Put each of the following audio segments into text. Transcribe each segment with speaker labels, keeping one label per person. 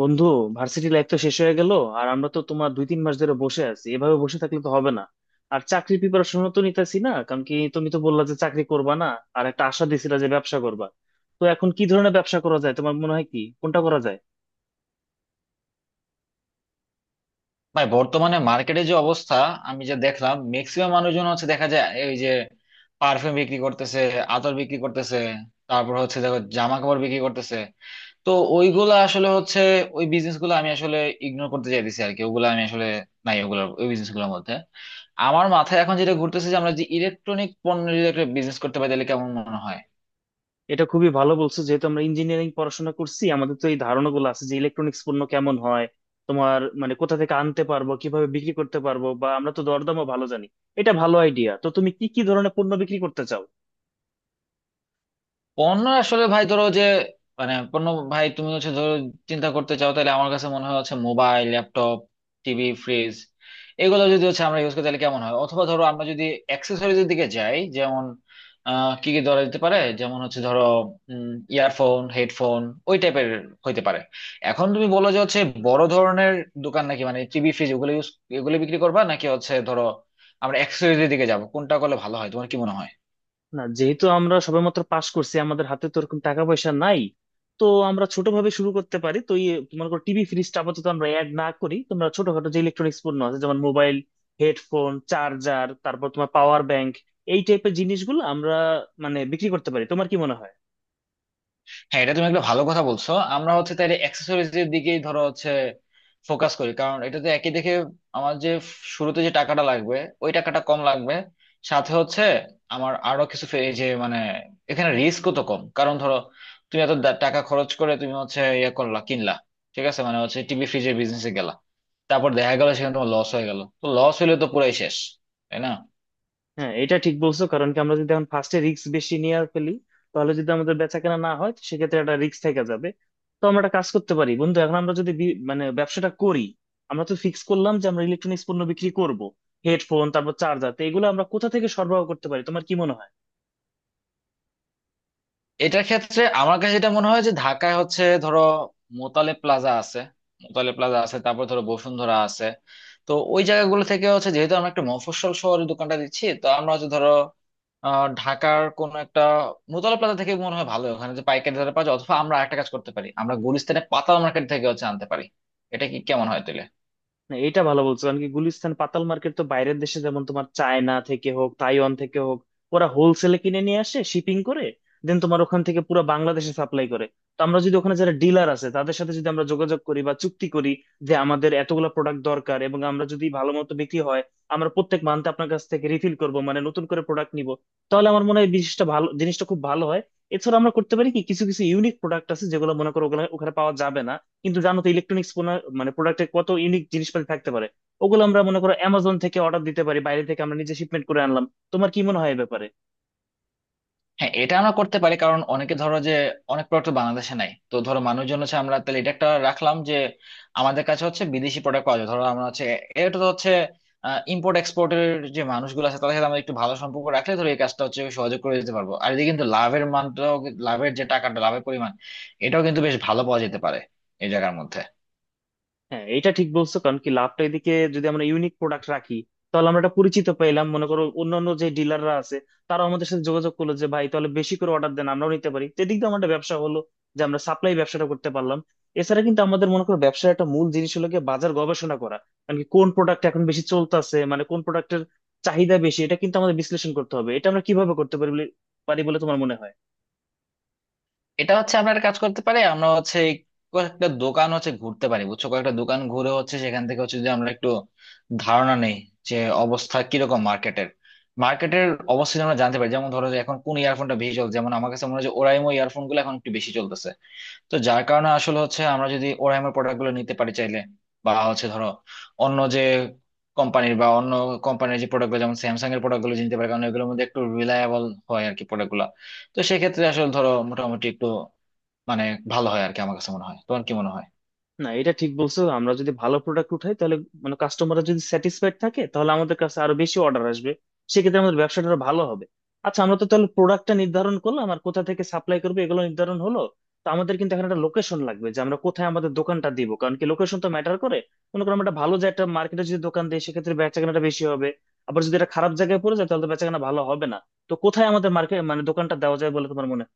Speaker 1: বন্ধু, varsity life তো শেষ হয়ে গেল। আর আমরা তো তোমার দুই তিন মাস ধরে বসে আছি, এভাবে বসে থাকলে তো হবে না। আর চাকরি প্রিপারেশনও তো নিতেছি না, কারণ কি তুমি তো বললা যে চাকরি করবা না। আর একটা আশা দিছিলা যে ব্যবসা করবা। তো এখন কি ধরনের ব্যবসা করা যায় তোমার মনে হয়, কি কোনটা করা যায়?
Speaker 2: ভাই বর্তমানে মার্কেটে যে অবস্থা, আমি যে দেখলাম ম্যাক্সিমাম মানুষজন হচ্ছে দেখা যায় এই যে পারফিউম বিক্রি করতেছে, আতর বিক্রি করতেছে, তারপর হচ্ছে দেখো জামা কাপড় বিক্রি করতেছে। তো ওইগুলা আসলে হচ্ছে ওই বিজনেস গুলো আমি আসলে ইগনোর করতে চাইতেছি আর কি, ওগুলো আমি আসলে নাই ওগুলো ওই বিজনেস গুলোর মধ্যে। আমার মাথায় এখন যেটা ঘুরতেছে যে আমরা যে ইলেকট্রনিক পণ্য যদি একটা বিজনেস করতে পারি তাহলে কেমন মনে হয়?
Speaker 1: এটা খুবই ভালো বলছো। যেহেতু আমরা ইঞ্জিনিয়ারিং পড়াশোনা করছি, আমাদের তো এই ধারণা গুলো আছে যে ইলেকট্রনিক্স পণ্য কেমন হয়, তোমার মানে কোথা থেকে আনতে পারবো, কিভাবে বিক্রি করতে পারবো, বা আমরা তো দরদামও ভালো জানি। এটা ভালো আইডিয়া। তো তুমি কি কি ধরনের পণ্য বিক্রি করতে চাও?
Speaker 2: পণ্য আসলে ভাই ধরো যে, মানে পণ্য, ভাই তুমি হচ্ছে ধরো চিন্তা করতে চাও তাহলে আমার কাছে মনে হয় হচ্ছে মোবাইল, ল্যাপটপ, টিভি, ফ্রিজ, এগুলো যদি হচ্ছে আমরা ইউজ করি তাহলে কেমন হয়, অথবা ধরো আমরা যদি অ্যাক্সেসরিজের দিকে যাই, যেমন কি কি ধরা যেতে পারে যেমন হচ্ছে ধরো ইয়ারফোন, হেডফোন, ওই টাইপের হইতে পারে। এখন তুমি বলো যে হচ্ছে বড় ধরনের দোকান নাকি মানে টিভি ফ্রিজ ওগুলো ইউজ এগুলো বিক্রি করবা, নাকি হচ্ছে ধরো আমরা অ্যাক্সেসরিজের দিকে যাবো? কোনটা করলে ভালো হয়, তোমার কি মনে হয়?
Speaker 1: না, যেহেতু আমরা সবেমাত্র পাশ করছি আমাদের হাতে তো ওরকম টাকা পয়সা নাই। তো আমরা ছোটভাবে শুরু করতে পারি। তো ইয়ে তোমার টিভি ফ্রিজটা আপাতত আমরা অ্যাড না করি, তোমরা ছোটখাটো যে ইলেকট্রনিক্স পণ্য আছে যেমন মোবাইল, হেডফোন, চার্জার, তারপর তোমার পাওয়ার ব্যাংক এই টাইপের জিনিসগুলো আমরা মানে বিক্রি করতে পারি। তোমার কি মনে হয়?
Speaker 2: হ্যাঁ, এটা তুমি একটা ভালো কথা বলছো। আমরা হচ্ছে তাহলে অ্যাক্সেসরিজ এর দিকেই ধরো হচ্ছে ফোকাস করি, কারণ এটাতে একই দেখে আমার যে শুরুতে যে টাকাটা লাগবে ওই টাকাটা কম লাগবে। সাথে হচ্ছে আমার আরো কিছু এই যে মানে এখানে রিস্কও তো কম, কারণ ধরো তুমি এত টাকা খরচ করে তুমি হচ্ছে ইয়ে করলা, কিনলা, ঠিক আছে মানে হচ্ছে টিভি ফ্রিজের বিজনেসে গেলা, তারপর দেখা গেল সেখানে তোমার লস হয়ে গেল, তো লস হইলে তো পুরাই শেষ, তাই না?
Speaker 1: হ্যাঁ, এটা ঠিক বলছো। কারণ কি আমরা যদি এখন ফার্স্টে রিস্ক বেশি নিয়ে আর ফেলি, তাহলে যদি আমাদের বেচা কেনা না হয় তো সেক্ষেত্রে একটা রিস্ক থেকে যাবে। তো আমরা একটা কাজ করতে পারি বন্ধু। এখন আমরা যদি মানে ব্যবসাটা করি, আমরা তো ফিক্স করলাম যে আমরা ইলেকট্রনিক্স পণ্য বিক্রি করব, হেডফোন তারপর চার্জার, তো এগুলো আমরা কোথা থেকে সরবরাহ করতে পারি তোমার কি মনে হয়?
Speaker 2: এটার ক্ষেত্রে আমার কাছে এটা মনে হয় যে ঢাকায় হচ্ছে ধরো মোতালে প্লাজা আছে, তারপর ধরো বসুন্ধরা আছে। তো ওই জায়গাগুলো থেকে হচ্ছে যেহেতু আমরা একটা মফস্বল শহরের দোকানটা দিচ্ছি, তো আমরা হচ্ছে ধরো ঢাকার কোন একটা মোতালে প্লাজা থেকে মনে হয় ভালো, ওখানে যে পাইকারি দরে পাওয়া যায়, অথবা আমরা একটা কাজ করতে পারি, আমরা গুলিস্তানের পাতা মার্কেট থেকে হচ্ছে আনতে পারি। এটা কি কেমন হয় তাহলে?
Speaker 1: না, এটা ভালো বলছো। কারণ কি গুলিস্তান পাতাল মার্কেট তো বাইরের দেশে যেমন তোমার চায়না থেকে হোক, তাইওয়ান থেকে হোক, ওরা হোলসেলে কিনে নিয়ে আসে শিপিং করে, দেন তোমার ওখান থেকে পুরো বাংলাদেশে সাপ্লাই করে। তো আমরা যদি ওখানে যারা ডিলার আছে তাদের সাথে যদি আমরা যোগাযোগ করি বা চুক্তি করি যে আমাদের এতগুলো প্রোডাক্ট দরকার, এবং আমরা যদি ভালো মতো বিক্রি হয় আমরা প্রত্যেক মান্থে আপনার কাছ থেকে রিফিল করব মানে নতুন করে প্রোডাক্ট নিব, তাহলে আমার মনে হয় বিশিষ্ট ভালো জিনিসটা খুব ভালো হয়। এছাড়া আমরা করতে পারি কি, কিছু কিছু ইউনিক প্রোডাক্ট আছে যেগুলো মনে করো ওখানে পাওয়া যাবে না। কিন্তু জানো তো ইলেকট্রনিক্স মানে প্রোডাক্টে কত ইউনিক জিনিসপাতি থাকতে পারে, ওগুলো আমরা মনে করো অ্যামাজন থেকে অর্ডার দিতে পারি, বাইরে থেকে আমরা নিজে শিপমেন্ট করে আনলাম। তোমার কি মনে হয় এই ব্যাপারে?
Speaker 2: হ্যাঁ, এটা আমরা করতে পারি, কারণ অনেকে ধরো যে অনেক প্রোডাক্ট বাংলাদেশে নাই, তো ধরো মানুষজন হচ্ছে আমরা তাহলে এটা একটা রাখলাম যে আমাদের কাছে হচ্ছে বিদেশি প্রোডাক্ট পাওয়া যায়। ধরো আমরা হচ্ছে এটা তো হচ্ছে ইম্পোর্ট এক্সপোর্টের যে মানুষগুলো আছে তাদের সাথে আমরা একটু ভালো সম্পর্ক রাখলে ধরো এই কাজটা হচ্ছে সহজে করে দিতে পারবো, আর এদিকে কিন্তু লাভের মানটাও, লাভের যে টাকাটা, লাভের পরিমাণ এটাও কিন্তু বেশ ভালো পাওয়া যেতে পারে এই জায়গার মধ্যে।
Speaker 1: হ্যাঁ, এটা ঠিক বলছো। কারণ কি লাভটা এদিকে যদি আমরা ইউনিক প্রোডাক্ট রাখি তাহলে আমরা একটা পরিচিত পেলাম, মনে করো অন্যান্য যে ডিলাররা আছে তারা আমাদের সাথে যোগাযোগ করলো যে ভাই তাহলে বেশি করে অর্ডার দেন, আমরাও নিতে পারি। তো এদিক দিয়ে আমাদের ব্যবসা হলো যে আমরা সাপ্লাই ব্যবসাটা করতে পারলাম। এছাড়া কিন্তু আমাদের মনে করো ব্যবসার একটা মূল জিনিস হলো গিয়ে বাজার গবেষণা করা। মানে কি, কোন প্রোডাক্ট এখন বেশি চলতেছে, মানে কোন প্রোডাক্টের চাহিদা বেশি, এটা কিন্তু আমাদের বিশ্লেষণ করতে হবে। এটা আমরা কিভাবে করতে পারি বলে তোমার মনে হয়?
Speaker 2: এটা হচ্ছে আমরা একটা কাজ করতে পারি, আমরা হচ্ছে এই কয়েকটা দোকান হচ্ছে ঘুরতে পারি, বুঝছো, কয়েকটা দোকান ঘুরে হচ্ছে সেখান থেকে হচ্ছে যে আমরা একটু ধারণা নেই যে অবস্থা কিরকম মার্কেটের মার্কেটের অবস্থা যদি আমরা জানতে পারি, যেমন ধরো যে এখন কোন ইয়ারফোনটা বেশি চলছে, যেমন আমার কাছে মনে হয় যে ওরাইমো ইয়ারফোন গুলো এখন একটু বেশি চলতেছে। তো যার কারণে আসলে হচ্ছে আমরা যদি ওরাইমোর প্রোডাক্ট গুলো নিতে পারি চাইলে, বা হচ্ছে ধরো অন্য যে কোম্পানির বা অন্য কোম্পানির যে প্রোডাক্ট গুলো, যেমন স্যামসাং এর প্রোডাক্ট গুলো নিতে পারি, কারণ এগুলোর মধ্যে একটু রিলায়েবল হয় আর কি প্রোডাক্ট গুলো। তো সেক্ষেত্রে আসলে ধরো মোটামুটি একটু মানে ভালো হয় আর কি, আমার কাছে মনে হয়, তোমার কি মনে হয়?
Speaker 1: না, এটা ঠিক বলছো। আমরা যদি ভালো প্রোডাক্ট উঠাই তাহলে মানে কাস্টমাররা যদি স্যাটিসফাইড থাকে তাহলে আমাদের কাছে আরো বেশি অর্ডার আসবে, সেক্ষেত্রে আমাদের ব্যবসাটা আরো ভালো হবে। আচ্ছা, আমরা তো তাহলে প্রোডাক্টটা নির্ধারণ করলাম আর কোথা থেকে সাপ্লাই করবো এগুলো নির্ধারণ হলো। তো আমাদের কিন্তু এখানে একটা লোকেশন লাগবে যে আমরা কোথায় আমাদের দোকানটা দিব, কারণ কি লোকেশন তো ম্যাটার করে। মনে করো আমরা একটা ভালো যে একটা মার্কেটে যদি দোকান দিই সেক্ষেত্রে বেচাকেনাটা বেশি হবে, আবার যদি এটা খারাপ জায়গায় পড়ে যায় তাহলে তো বেচাকেনা ভালো হবে না। তো কোথায় আমাদের মার্কেট মানে দোকানটা দেওয়া যায় বলে তোমার মনে হয়?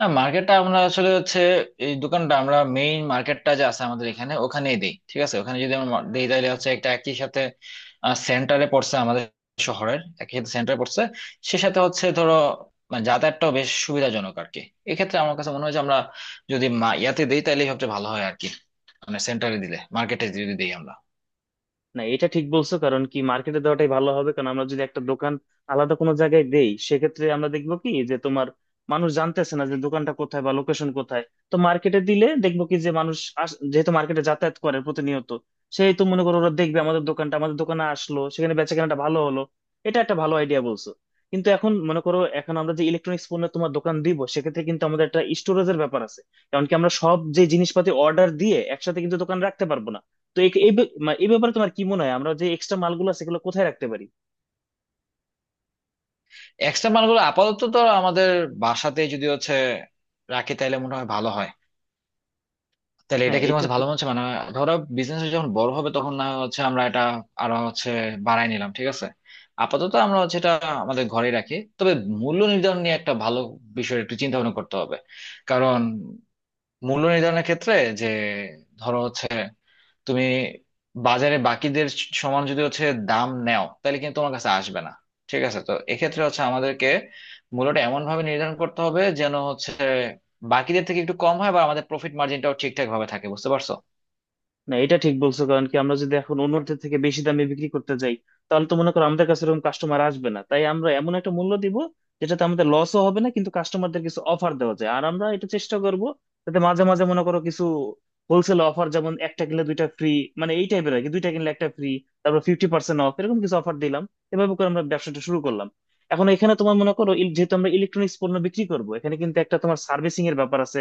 Speaker 2: না, মার্কেটটা আমরা আসলে হচ্ছে এই দোকানটা আমরা মেইন মার্কেটটা যে আছে আমাদের এখানে ওখানেই দেই, ঠিক আছে? ওখানে যদি আমরা দেই তাহলে হচ্ছে একটা একই সাথে সেন্টারে পড়ছে আমাদের শহরের, একই সাথে সেন্টারে পড়ছে, সে সাথে হচ্ছে ধরো মানে যাতায়াতটাও বেশ সুবিধাজনক আর কি। এক্ষেত্রে আমার কাছে মনে হয় যে আমরা যদি ইয়াতে দিই তাহলে সবচেয়ে ভালো হয় আর কি, মানে সেন্টারে দিলে, মার্কেটে যদি দিই আমরা।
Speaker 1: না, এটা ঠিক বলছো। কারণ কি মার্কেটে দেওয়াটাই ভালো হবে। কারণ আমরা যদি একটা দোকান আলাদা কোনো জায়গায় দেই সেক্ষেত্রে আমরা দেখবো কি যে তোমার মানুষ জানতেছে না যে দোকানটা কোথায় বা লোকেশন কোথায়। তো মার্কেটে দিলে দেখবো কি যে মানুষ যেহেতু মার্কেটে যাতায়াত করে প্রতিনিয়ত, সেই তো মনে করো ওরা দেখবে আমাদের দোকানটা, আমাদের দোকানে আসলো, সেখানে বেচাকেনাটা ভালো হলো। এটা একটা ভালো আইডিয়া বলছো। কিন্তু এখন মনে করো এখন আমরা যে ইলেকট্রনিক্স পণ্য তোমার দোকান দিব সেক্ষেত্রে কিন্তু আমাদের একটা স্টোরেজের ব্যাপার আছে, কারণ কি আমরা সব যে জিনিসপাতি অর্ডার দিয়ে একসাথে কিন্তু দোকান রাখতে পারবো না। তো এই এই ব্য- মা- এই ব্যাপারে তোমার কি মনে হয় আমরা যে এক্সট্রা মালগুলো আছে সেগুলো কোথায় রাখতে পারি?
Speaker 2: এক্সট্রা মালগুলো আপাতত তো আমাদের বাসাতে যদি হচ্ছে রাখি তাহলে মনে হয় ভালো হয়। তাহলে এটা
Speaker 1: হ্যাঁ,
Speaker 2: কি তোমার
Speaker 1: এটা।
Speaker 2: কাছে ভালো মনে হচ্ছে মানে? ধরো বিজনেস যখন বড় হবে তখন না হয় হচ্ছে আমরা এটা আরো হচ্ছে বাড়াই নিলাম, ঠিক আছে? আপাতত আমরা হচ্ছে এটা আমাদের ঘরে রাখি। তবে মূল্য নির্ধারণ নিয়ে একটা ভালো বিষয় একটু চিন্তা ভাবনা করতে হবে, কারণ মূল্য নির্ধারণের ক্ষেত্রে যে, ধরো হচ্ছে তুমি বাজারে বাকিদের সমান যদি হচ্ছে দাম নেও তাহলে কিন্তু তোমার কাছে আসবে না, ঠিক আছে? তো এক্ষেত্রে হচ্ছে আমাদেরকে মূল্যটা এমন ভাবে নির্ধারণ করতে হবে যেন হচ্ছে বাকিদের থেকে একটু কম হয়, বা আমাদের প্রফিট মার্জিনটাও ঠিকঠাক ভাবে থাকে, বুঝতে পারছো?
Speaker 1: না, এটা ঠিক বলছো। কারণ কি আমরা যদি এখন অন্যদের থেকে বেশি দামে বিক্রি করতে যাই তাহলে তো মনে করো আমাদের কাছে এরকম কাস্টমার আসবে না। তাই আমরা এমন একটা মূল্য দিব যেটাতে আমাদের লসও হবে না কিন্তু কাস্টমারদের কিছু অফার দেওয়া যায়। আর আমরা এটা চেষ্টা করব যাতে মাঝে মাঝে মনে করো কিছু হোলসেল অফার যেমন একটা কিনলে দুইটা ফ্রি, মানে এই টাইপের আর কি, দুইটা কিনলে একটা ফ্রি, তারপর 50% অফ, এরকম কিছু অফার দিলাম। এভাবে করে আমরা ব্যবসাটা শুরু করলাম। এখন এখানে তোমার মনে করো যেহেতু আমরা ইলেকট্রনিক্স পণ্য বিক্রি করবো এখানে কিন্তু একটা তোমার সার্ভিসিং এর ব্যাপার আছে,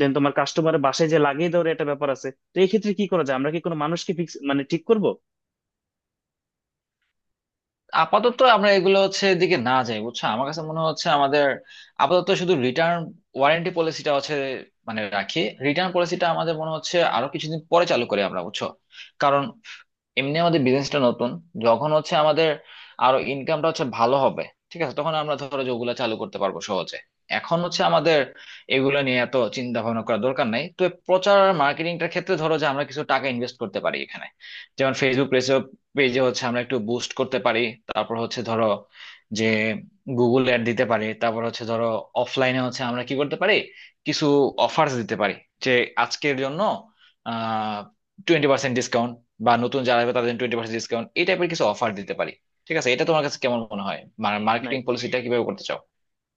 Speaker 1: দেন তোমার কাস্টমারের বাসায় যে লাগিয়ে দেওয়ার একটা ব্যাপার আছে। তো এক্ষেত্রে কি করা যায়, আমরা কি কোনো মানুষকে ফিক্স মানে ঠিক করব?
Speaker 2: আপাতত আমরা এগুলো হচ্ছে এদিকে না যাই, বুঝছো, আমার কাছে মনে হচ্ছে আমাদের আপাতত শুধু রিটার্ন ওয়ারেন্টি পলিসিটা হচ্ছে মানে রাখি। রিটার্ন পলিসিটা আমাদের মনে হচ্ছে আরো কিছুদিন পরে চালু করি আমরা, বুঝছো? কারণ এমনি আমাদের বিজনেসটা নতুন, যখন হচ্ছে আমাদের আরো ইনকামটা হচ্ছে ভালো হবে, ঠিক আছে, তখন আমরা ধরো যে ওগুলা চালু করতে পারবো সহজে। এখন হচ্ছে আমাদের এগুলো নিয়ে এত চিন্তা ভাবনা করার দরকার নাই। তো প্রচার আর মার্কেটিংটার ক্ষেত্রে ধরো যে আমরা কিছু টাকা ইনভেস্ট করতে পারি এখানে, যেমন ফেসবুক পেজে, হচ্ছে আমরা একটু বুস্ট করতে পারি, তারপর হচ্ছে ধরো যে গুগল অ্যাড দিতে পারি, তারপর হচ্ছে ধরো অফলাইনে হচ্ছে আমরা কি করতে পারি কিছু অফার্স দিতে পারি যে আজকের জন্য 20% ডিসকাউন্ট, বা নতুন যারা আসবে তাদের 20% ডিসকাউন্ট, এই টাইপের কিছু অফার দিতে পারি। ঠিক আছে, এটা তোমার কাছে কেমন মনে হয়?
Speaker 1: না,
Speaker 2: মার্কেটিং পলিসিটা কিভাবে করতে চাও?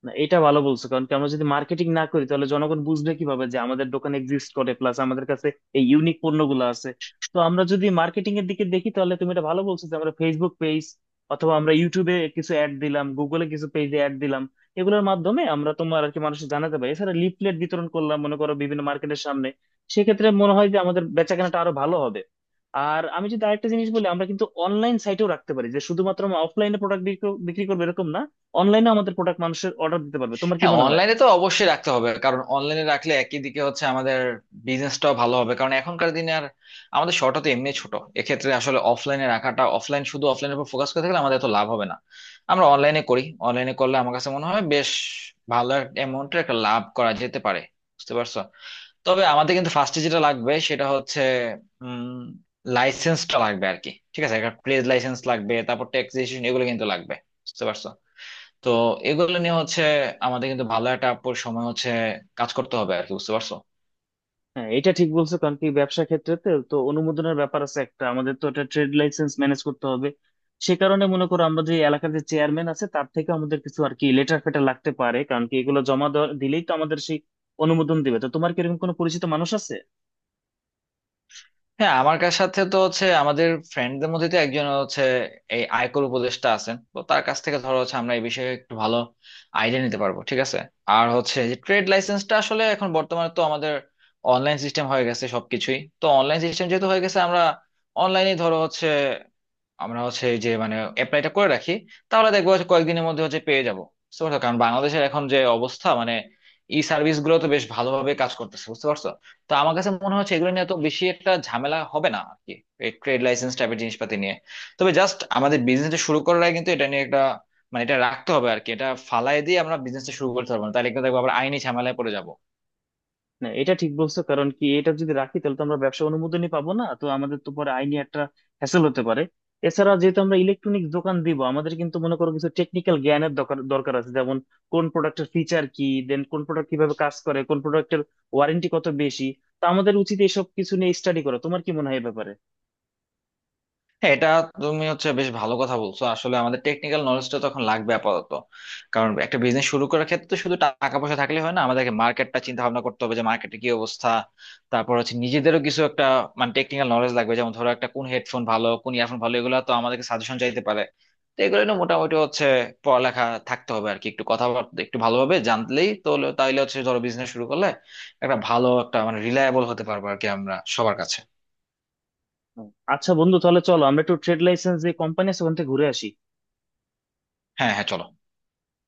Speaker 1: না, এটা ভালো বলছো। কারণ কি আমরা যদি মার্কেটিং না করি তাহলে জনগণ বুঝবে কিভাবে যে আমাদের দোকান এক্সিস্ট করে, প্লাস আমাদের কাছে এই ইউনিক পণ্যগুলো আছে। তো আমরা যদি মার্কেটিং এর দিকে দেখি তাহলে তুমি এটা ভালো বলছো যে আমরা ফেসবুক পেজ অথবা আমরা ইউটিউবে কিছু অ্যাড দিলাম, গুগলে কিছু পেজে অ্যাড দিলাম, এগুলোর মাধ্যমে আমরা তোমার আর কি মানুষকে জানাতে পারি। এছাড়া লিফলেট বিতরণ করলাম মনে করো বিভিন্ন মার্কেটের সামনে, সেক্ষেত্রে মনে হয় যে আমাদের বেচাকেনাটা আরো ভালো হবে। আর আমি যদি আরেকটা জিনিস বলি, আমরা কিন্তু অনলাইন সাইটেও রাখতে পারি যে শুধুমাত্র আমরা অফলাইনে প্রোডাক্ট বিক্রি করবো এরকম না, অনলাইনে আমাদের প্রোডাক্ট মানুষের অর্ডার দিতে পারবে। তোমার কি
Speaker 2: হ্যাঁ,
Speaker 1: মনে হয়?
Speaker 2: অনলাইনে তো অবশ্যই রাখতে হবে, কারণ অনলাইনে রাখলে একই দিকে হচ্ছে আমাদের বিজনেসটাও ভালো হবে, কারণ এখনকার দিনে আর আমাদের শর্টটা তো এমনি ছোট। এক্ষেত্রে আসলে অফলাইনে রাখাটা, অফলাইন শুধু অফলাইনের উপর ফোকাস করে থাকলে আমাদের তো লাভ হবে না। আমরা অনলাইনে করি, অনলাইনে করলে আমার কাছে মনে হয় বেশ ভালো অ্যামাউন্টের একটা amount এর একটা লাভ করা যেতে পারে, বুঝতে পারছো? তবে আমাদের কিন্তু ফার্স্টে যেটা লাগবে সেটা হচ্ছে উম লাইসেন্সটা লাগবে আর কি, ঠিক আছে, একটা ট্রেড লাইসেন্স লাগবে, তারপর ট্যাক্স রেজিস্ট্রেশন, এগুলো কিন্তু লাগবে, বুঝতে পারছো? তো এগুলো নিয়ে হচ্ছে আমাদের কিন্তু ভালো একটা আপুর সময় হচ্ছে কাজ করতে হবে আর কি, বুঝতে পারছো?
Speaker 1: হ্যাঁ, এটা ঠিক বলছো। কারণ কি ব্যবসা ক্ষেত্রে তো তো অনুমোদনের ব্যাপার আছে একটা, আমাদের তো একটা ট্রেড লাইসেন্স ম্যানেজ করতে হবে। সে কারণে মনে করো আমরা যে এলাকার যে চেয়ারম্যান আছে তার থেকে আমাদের কিছু আর কি লেটার ফেটার লাগতে পারে, কারণ কি এগুলো জমা দিলেই তো আমাদের সেই অনুমোদন দিবে। তো তোমার কি এরকম কোনো পরিচিত মানুষ আছে?
Speaker 2: হ্যাঁ, আমার কার সাথে তো হচ্ছে আমাদের ফ্রেন্ডদের মধ্যে তো একজন হচ্ছে এই আয়কর উপদেষ্টা আছেন, তো তার কাছ থেকে ধরো হচ্ছে আমরা এই বিষয়ে একটু ভালো আইডিয়া নিতে পারবো, ঠিক আছে। আর হচ্ছে যে ট্রেড লাইসেন্সটা আসলে এখন বর্তমানে তো আমাদের অনলাইন সিস্টেম হয়ে গেছে, সবকিছুই তো অনলাইন সিস্টেম, যেহেতু হয়ে গেছে আমরা অনলাইনে ধরো হচ্ছে আমরা হচ্ছে এই যে মানে অ্যাপ্লাইটা করে রাখি, তাহলে দেখবো হচ্ছে কয়েকদিনের মধ্যে হচ্ছে পেয়ে যাবো, বুঝতে পারছো? কারণ বাংলাদেশের এখন যে অবস্থা মানে ই সার্ভিস গুলো তো বেশ ভালোভাবে কাজ করতেছে, বুঝতে পারছো? তো আমার কাছে মনে হচ্ছে এগুলো নিয়ে তো বেশি একটা ঝামেলা হবে না আর কি, এই ট্রেড লাইসেন্স টাইপের জিনিসপাতি নিয়ে। তবে জাস্ট আমাদের বিজনেসটা শুরু করার আগে কিন্তু এটা নিয়ে একটা মানে এটা রাখতে হবে আর কি, এটা ফালাই দিয়ে আমরা বিজনেসটা শুরু করতে পারবো না, তাহলে কিন্তু দেখবো আবার আইনি ঝামেলায় পড়ে যাব।
Speaker 1: না, এটা ঠিক বলছো। কারণ কি এটা যদি রাখি তাহলে তো আমরা ব্যবসা অনুমোদনই পাবো না, তো আমাদের তো পরে আইনি একটা হ্যাসেল হতে পারে। এছাড়া যেহেতু আমরা ইলেকট্রনিক দোকান দিব, আমাদের কিন্তু মনে করো কিছু টেকনিক্যাল জ্ঞানের দরকার দরকার আছে, যেমন কোন প্রোডাক্টের ফিচার কি, দেন কোন প্রোডাক্ট কিভাবে কাজ করে, কোন প্রোডাক্টের ওয়ারেন্টি কত বেশি। তো আমাদের উচিত এসব কিছু নিয়ে স্টাডি করা। তোমার কি মনে হয় এ ব্যাপারে?
Speaker 2: হ্যাঁ, এটা তুমি হচ্ছে বেশ ভালো কথা বলছো, আসলে আমাদের টেকনিক্যাল নলেজটা তখন লাগবে আপাতত, কারণ একটা বিজনেস শুরু করার ক্ষেত্রে তো শুধু টাকা পয়সা থাকলে হয় না, আমাদেরকে মার্কেটটা চিন্তা ভাবনা করতে হবে যে মার্কেটে কি অবস্থা। তারপর হচ্ছে নিজেদেরও কিছু একটা মানে টেকনিক্যাল নলেজ লাগবে, যেমন ধরো একটা কোন হেডফোন ভালো, কোন ইয়ারফোন ভালো, এগুলো তো আমাদেরকে সাজেশন চাইতে পারে। তো এগুলো নিয়ে মোটামুটি হচ্ছে পড়ালেখা থাকতে হবে আর কি, একটু কথাবার্তা একটু ভালোভাবে তাইলে হচ্ছে ধরো বিজনেস শুরু করলে একটা ভালো একটা মানে রিলায়েবল হতে পারবো আর কি আমরা সবার কাছে।
Speaker 1: হুম। আচ্ছা বন্ধু, তাহলে চলো আমরা একটু ট্রেড লাইসেন্স যে কোম্পানি আছে ওখান থেকে ঘুরে আসি।
Speaker 2: হ্যাঁ, হ্যাঁ, চলো।